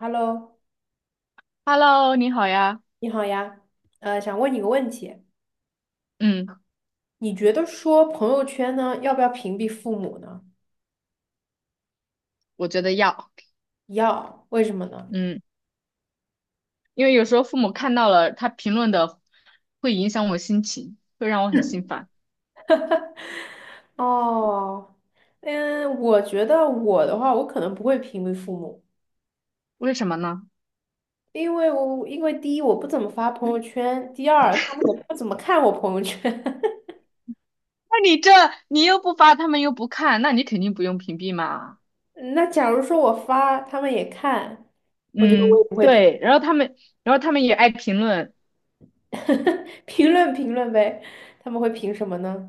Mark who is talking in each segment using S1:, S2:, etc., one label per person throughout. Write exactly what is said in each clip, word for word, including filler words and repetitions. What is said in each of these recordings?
S1: Hello，
S2: Hello，你好呀。
S1: 你好呀，呃，想问你个问题，
S2: 嗯，
S1: 你觉得说朋友圈呢，要不要屏蔽父母呢？
S2: 我觉得要，
S1: 要，为什么呢？
S2: 嗯，因为有时候父母看到了他评论的，会影响我心情，会让我很心烦。
S1: 哦，嗯，我觉得我的话，我可能不会屏蔽父母，
S2: 为什么呢？
S1: 因为我因为第一我不怎么发朋友圈，第二他们也不怎么看我朋友圈。
S2: 那你这你又不发，他们又不看，那你肯定不用屏蔽嘛。
S1: 那假如说我发，他们也看，我觉得我
S2: 嗯，
S1: 也不会评
S2: 对。然后他们，然后他们也爱评论，
S1: 评论评论呗，他们会评什么呢？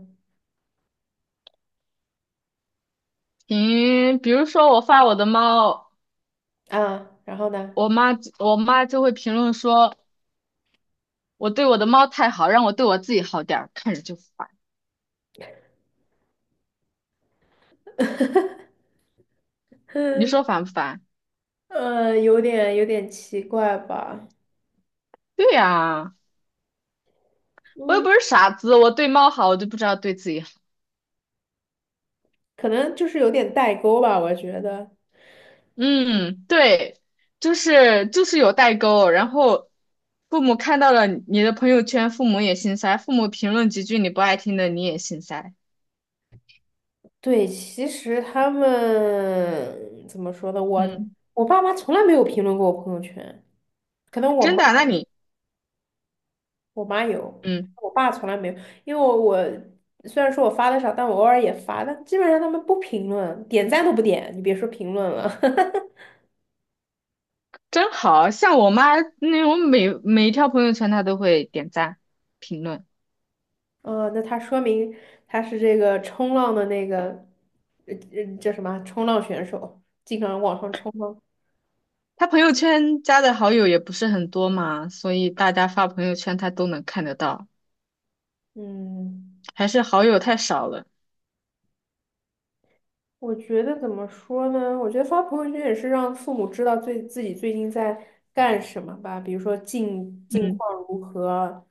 S2: 评，比如说我发我的猫，
S1: 啊，然后呢？
S2: 我妈我妈就会评论说我对我的猫太好，让我对我自己好点儿，看着就烦。你说烦不烦？
S1: 呃，有点有点奇怪吧，
S2: 对呀、我又
S1: 嗯，
S2: 不是傻子，我对猫好，我就不知道对自己好。
S1: 可能就是有点代沟吧，我觉得。
S2: 嗯，对，就是就是有代沟。然后父母看到了你的朋友圈，父母也心塞；父母评论几句你不爱听的，你也心塞。
S1: 对，其实他们怎么说呢？我
S2: 嗯，
S1: 我爸妈从来没有评论过我朋友圈，可能我
S2: 真
S1: 妈
S2: 的啊那你
S1: 我妈有，
S2: 嗯，
S1: 我爸从来没有，因为我我虽然说我发的少，但我偶尔也发，但基本上他们不评论，点赞都不点，你别说评论了。
S2: 真好像我妈，那我每每一条朋友圈她都会点赞评论，
S1: 呃，那他说明他是这个冲浪的那个，呃呃，叫什么啊？冲浪选手，经常往上冲吗？
S2: 她朋友圈加的好友也不是很多嘛，所以大家发朋友圈她都能看得到，
S1: 嗯。
S2: 还是好友太少了。
S1: 我觉得怎么说呢？我觉得发朋友圈也是让父母知道最自己最近在干什么吧，比如说近近
S2: 嗯
S1: 况如何。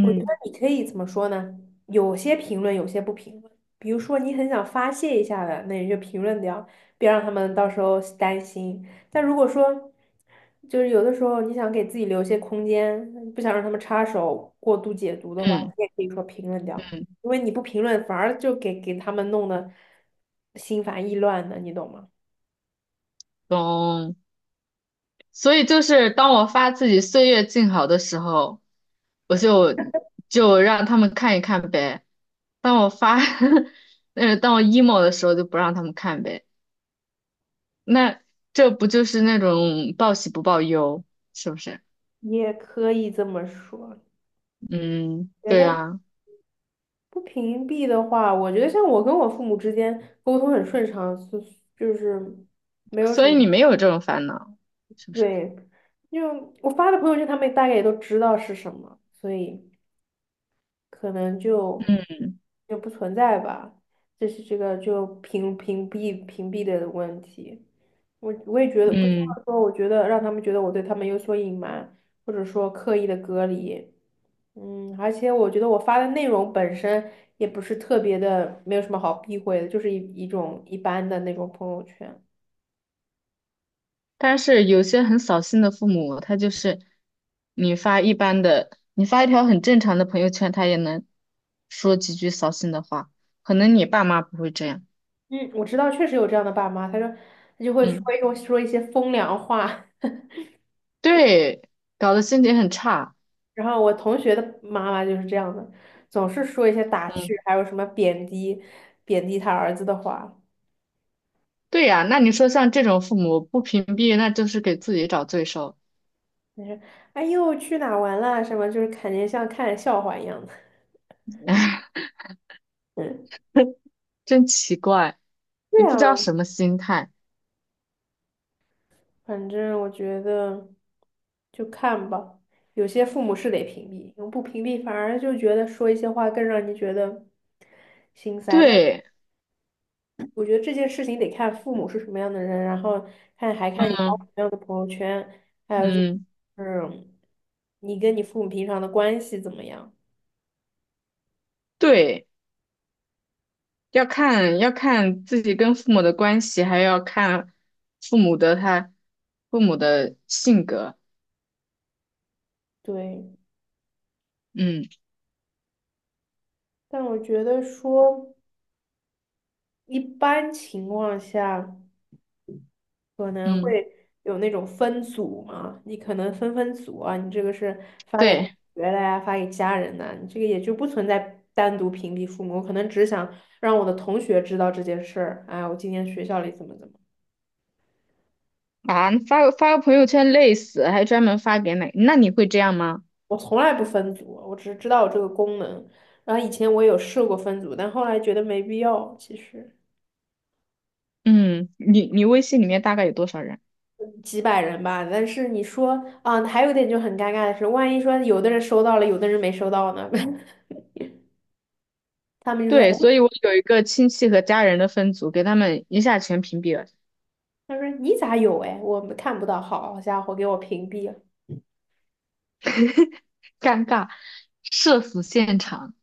S1: 我觉得你可以怎么说呢？有些评论，有些不评论。比如说你很想发泄一下的，那你就评论掉，别让他们到时候担心。但如果说，就是有的时候你想给自己留一些空间，不想让他们插手过度解读的话，你
S2: 嗯。
S1: 也可以说评论掉。
S2: 嗯。
S1: 因为你不评论，反而就给给他们弄得心烦意乱的，你懂吗？
S2: 懂。所以就是当我发自己岁月静好的时候，我就就让他们看一看呗。当我发，呃，当我 emo 的时候就不让他们看呗。那这不就是那种报喜不报忧，是不是？
S1: 也可以这么说。
S2: 嗯，
S1: 觉
S2: 对
S1: 得
S2: 啊。
S1: 不屏蔽的话，我觉得像我跟我父母之间沟通很顺畅，是就是没有
S2: 所
S1: 什
S2: 以
S1: 么，
S2: 你没有这种烦恼，是不是？
S1: 对，因为我发的朋友圈，他们大概也都知道是什么，所以可能就
S2: 嗯
S1: 就不存在吧，这是这个就屏屏蔽屏蔽的问题。我我也觉得不希
S2: 嗯。
S1: 望说，我觉得让他们觉得我对他们有所隐瞒，或者说刻意的隔离。嗯，而且我觉得我发的内容本身也不是特别的，没有什么好避讳的，就是一一种一般的那种朋友圈。
S2: 但是有些很扫兴的父母，他就是你发一般的，你发一条很正常的朋友圈，他也能说几句扫兴的话。可能你爸妈不会这样，
S1: 嗯，我知道确实有这样的爸妈，他说他就会说
S2: 嗯，
S1: 一种说一些风凉话，
S2: 对，搞得心情很差，
S1: 然后我同学的妈妈就是这样的，总是说一些打趣，
S2: 嗯，
S1: 还有什么贬低贬低他儿子的话。
S2: 对呀。那你说像这种父母不屏蔽，那就是给自己找罪受，
S1: 就是哎呦去哪玩啦什么，就是肯定像看笑话一样的。嗯，
S2: 真奇怪，也
S1: 对
S2: 不
S1: 啊，
S2: 知道什么心态。
S1: 反正我觉得就看吧，有些父母是得屏蔽，不屏蔽反而就觉得说一些话更让你觉得心塞。但是
S2: 对，
S1: 我觉得这件事情得看父母是什么样的人，然后看还看你发
S2: 嗯，
S1: 什么样的朋友圈，还有就
S2: 嗯
S1: 是你跟你父母平常的关系怎么样。
S2: 对。要看要看自己跟父母的关系，还要看父母的他父母的性格。
S1: 对，
S2: 嗯。
S1: 但我觉得说一般情况下。可能
S2: 嗯，
S1: 会有那种分组嘛，你可能分分组啊，你这个是发给同
S2: 对
S1: 学的呀，发给家人的，你这个也就不存在单独屏蔽父母。我可能只想让我的同学知道这件事儿，哎，我今天学校里怎么怎么，
S2: 啊，发个发个朋友圈累死，还专门发给哪？那你会这样吗？
S1: 我从来不分组，我只是知道我这个功能。然后以前我有试过分组，但后来觉得没必要，其实
S2: 嗯，你你微信里面大概有多少人？
S1: 几百人吧。但是你说啊，还有一点就很尴尬的是，万一说有的人收到了，有的人没收到呢？他们就说。
S2: 对，所
S1: 哎
S2: 以我有一个亲戚和家人的分组，给他们一下全屏蔽了，
S1: 他说你咋有哎，我们看不到，好家伙，给我屏蔽了。
S2: 尴尬。社死现场。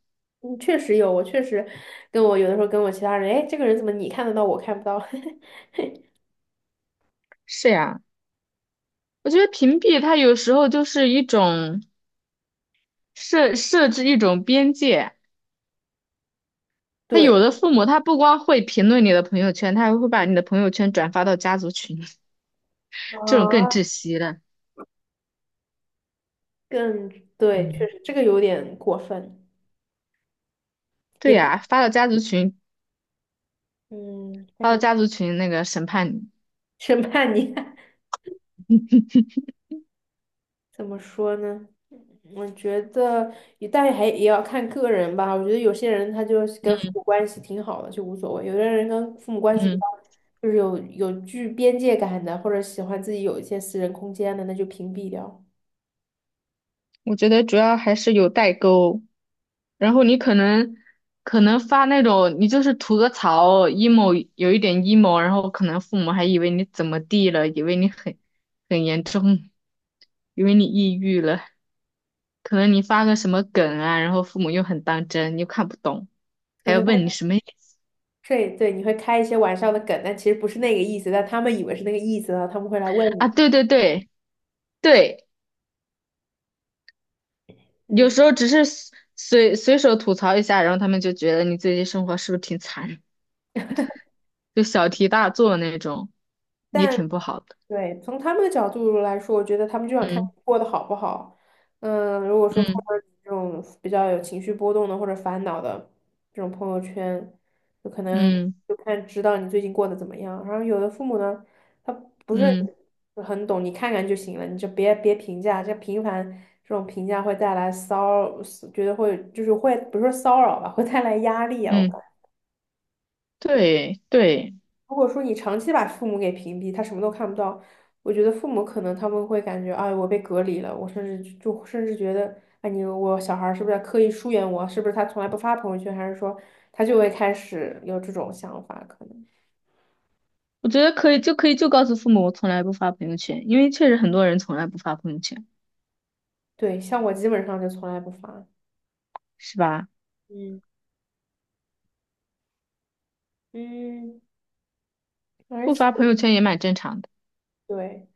S1: 嗯，确实有，我确实跟我有的时候跟我其他人，哎，这个人怎么你看得到，我看不到？
S2: 是呀，我觉得屏蔽它有时候就是一种设设置一种边界。他有
S1: 对，
S2: 的父母他不光会评论你的朋友圈，他还会把你的朋友圈转发到家族群，这种更
S1: 啊，
S2: 窒息了。
S1: 更对，确
S2: 嗯，
S1: 实这个有点过分，也
S2: 对
S1: 不
S2: 呀，发到家族群，
S1: 嗯，他
S2: 发
S1: 可
S2: 到
S1: 能
S2: 家族群那个审判你。
S1: 审判你，怎么说呢？我觉得也，但是还也要看个人吧。我觉得有些人他就是跟父母关系挺好的，就无所谓；有的人跟父母关系比较，
S2: 嗯，
S1: 就是有有具边界感的，或者喜欢自己有一些私人空间的，那就屏蔽掉。
S2: 我觉得主要还是有代沟，然后你可能可能发那种你就是吐个槽，emo 有一点 emo,然后可能父母还以为你怎么地了，以为你很很严重，以为你抑郁了。可能你发个什么梗啊，然后父母又很当真，又看不懂，
S1: 可
S2: 还要
S1: 能他
S2: 问你什么意思
S1: 对对，你会开一些玩笑的梗，但其实不是那个意思，但他们以为是那个意思，然后他们会来问
S2: 啊？
S1: 你。
S2: 对对对对，
S1: 嗯，
S2: 有时候只是随随随手吐槽一下，然后他们就觉得你最近生活是不是挺惨，就小题大做那种，也
S1: 但。
S2: 挺不好的。
S1: 对，从他们的角度来说，我觉得他们就想看
S2: 嗯。
S1: 你过得好不好。嗯，如果说看
S2: 嗯，
S1: 到你这种比较有情绪波动的或者烦恼的这种朋友圈，就可能
S2: 嗯
S1: 就看知道你最近过得怎么样。然后有的父母呢，他不是
S2: 嗯
S1: 很懂，你看看就行了，你就别别评价，这频繁这种评价会带来骚，觉得会就是会不是说骚扰吧，会带来压力啊。
S2: 嗯，对对，
S1: 如果说你长期把父母给屏蔽，他什么都看不到，我觉得父母可能他们会感觉，哎，我被隔离了，我甚至就就甚至觉得，哎，你我小孩儿是不是在刻意疏远我？是不是他从来不发朋友圈？还是说他就会开始有这种想法？可能
S2: 我觉得可以就可以就告诉父母我从来不发朋友圈，因为确实很多人从来不发朋友圈，
S1: 对，像我基本上就从来不发，
S2: 是吧？
S1: 嗯嗯，而
S2: 不
S1: 且
S2: 发朋友圈也蛮正常的。
S1: 对。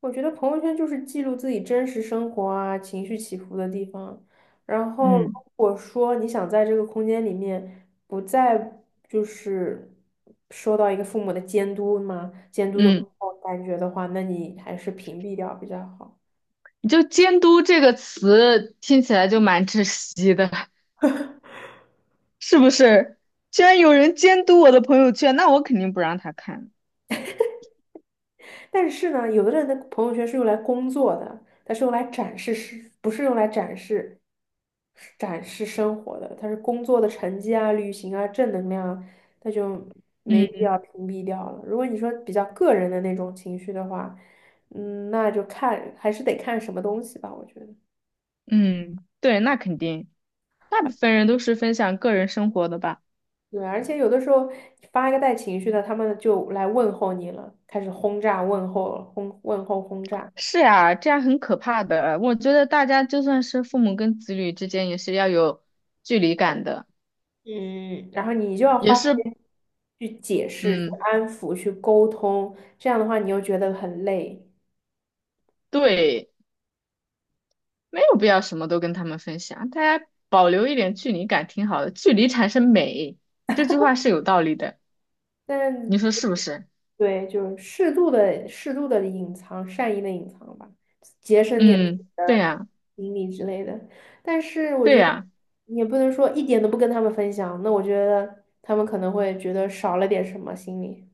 S1: 我觉得朋友圈就是记录自己真实生活啊、情绪起伏的地方。然后，如
S2: 嗯。
S1: 果说你想在这个空间里面不再就是受到一个父母的监督嘛、监督的
S2: 嗯。
S1: 感觉的话，那你还是屏蔽掉比较好。
S2: 就监督这个词听起来就蛮窒息的，是不是？居然有人监督我的朋友圈，那我肯定不让他看。
S1: 但是呢，有的人的朋友圈是用来工作的，它是用来展示，是不是用来展示展示生活的？它是工作的成绩啊、旅行啊、正能量啊，那就没必
S2: 嗯
S1: 要屏蔽掉了。如果你说比较个人的那种情绪的话，嗯，那就看还是得看什么东西吧，我觉得。
S2: 嗯，对，那肯定，大部分人都是分享个人生活的吧？
S1: 对，而且有的时候你发一个带情绪的，他们就来问候你了，开始轰炸问候，轰问候轰炸。
S2: 是呀，这样很可怕的。我觉得大家就算是父母跟子女之间，也是要有距离感的，
S1: 嗯，然后你就要
S2: 也
S1: 花时
S2: 是，
S1: 间去解释、去
S2: 嗯，
S1: 安抚、去沟通，这样的话你又觉得很累。
S2: 对，没有必要什么都跟他们分享，大家保留一点距离感挺好的，距离产生美，这句话是有道理的。你
S1: 但
S2: 说是不是？
S1: 对，就是适度的、适度的隐藏，善意的隐藏吧，节省点自己
S2: 嗯，对
S1: 的
S2: 呀，
S1: 精力之类的。但是我
S2: 对
S1: 觉得
S2: 呀，
S1: 你也不能说一点都不跟他们分享，那我觉得他们可能会觉得少了点什么心理。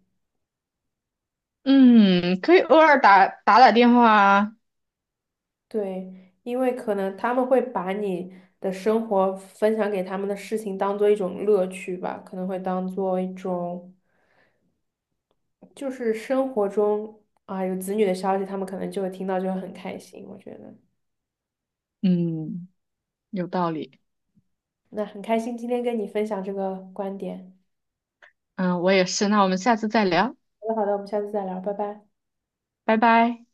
S2: 嗯，可以偶尔打打打电话啊。
S1: 对，因为可能他们会把你的生活分享给他们的事情当做一种乐趣吧，可能会当做一种，就是生活中啊有子女的消息，他们可能就会听到，就会很开心。我觉得，
S2: 嗯，有道理。
S1: 那很开心今天跟你分享这个观点。
S2: 嗯，我也是。那我们下次再聊，
S1: 好的，好的，我们下次再聊，拜拜。
S2: 拜拜。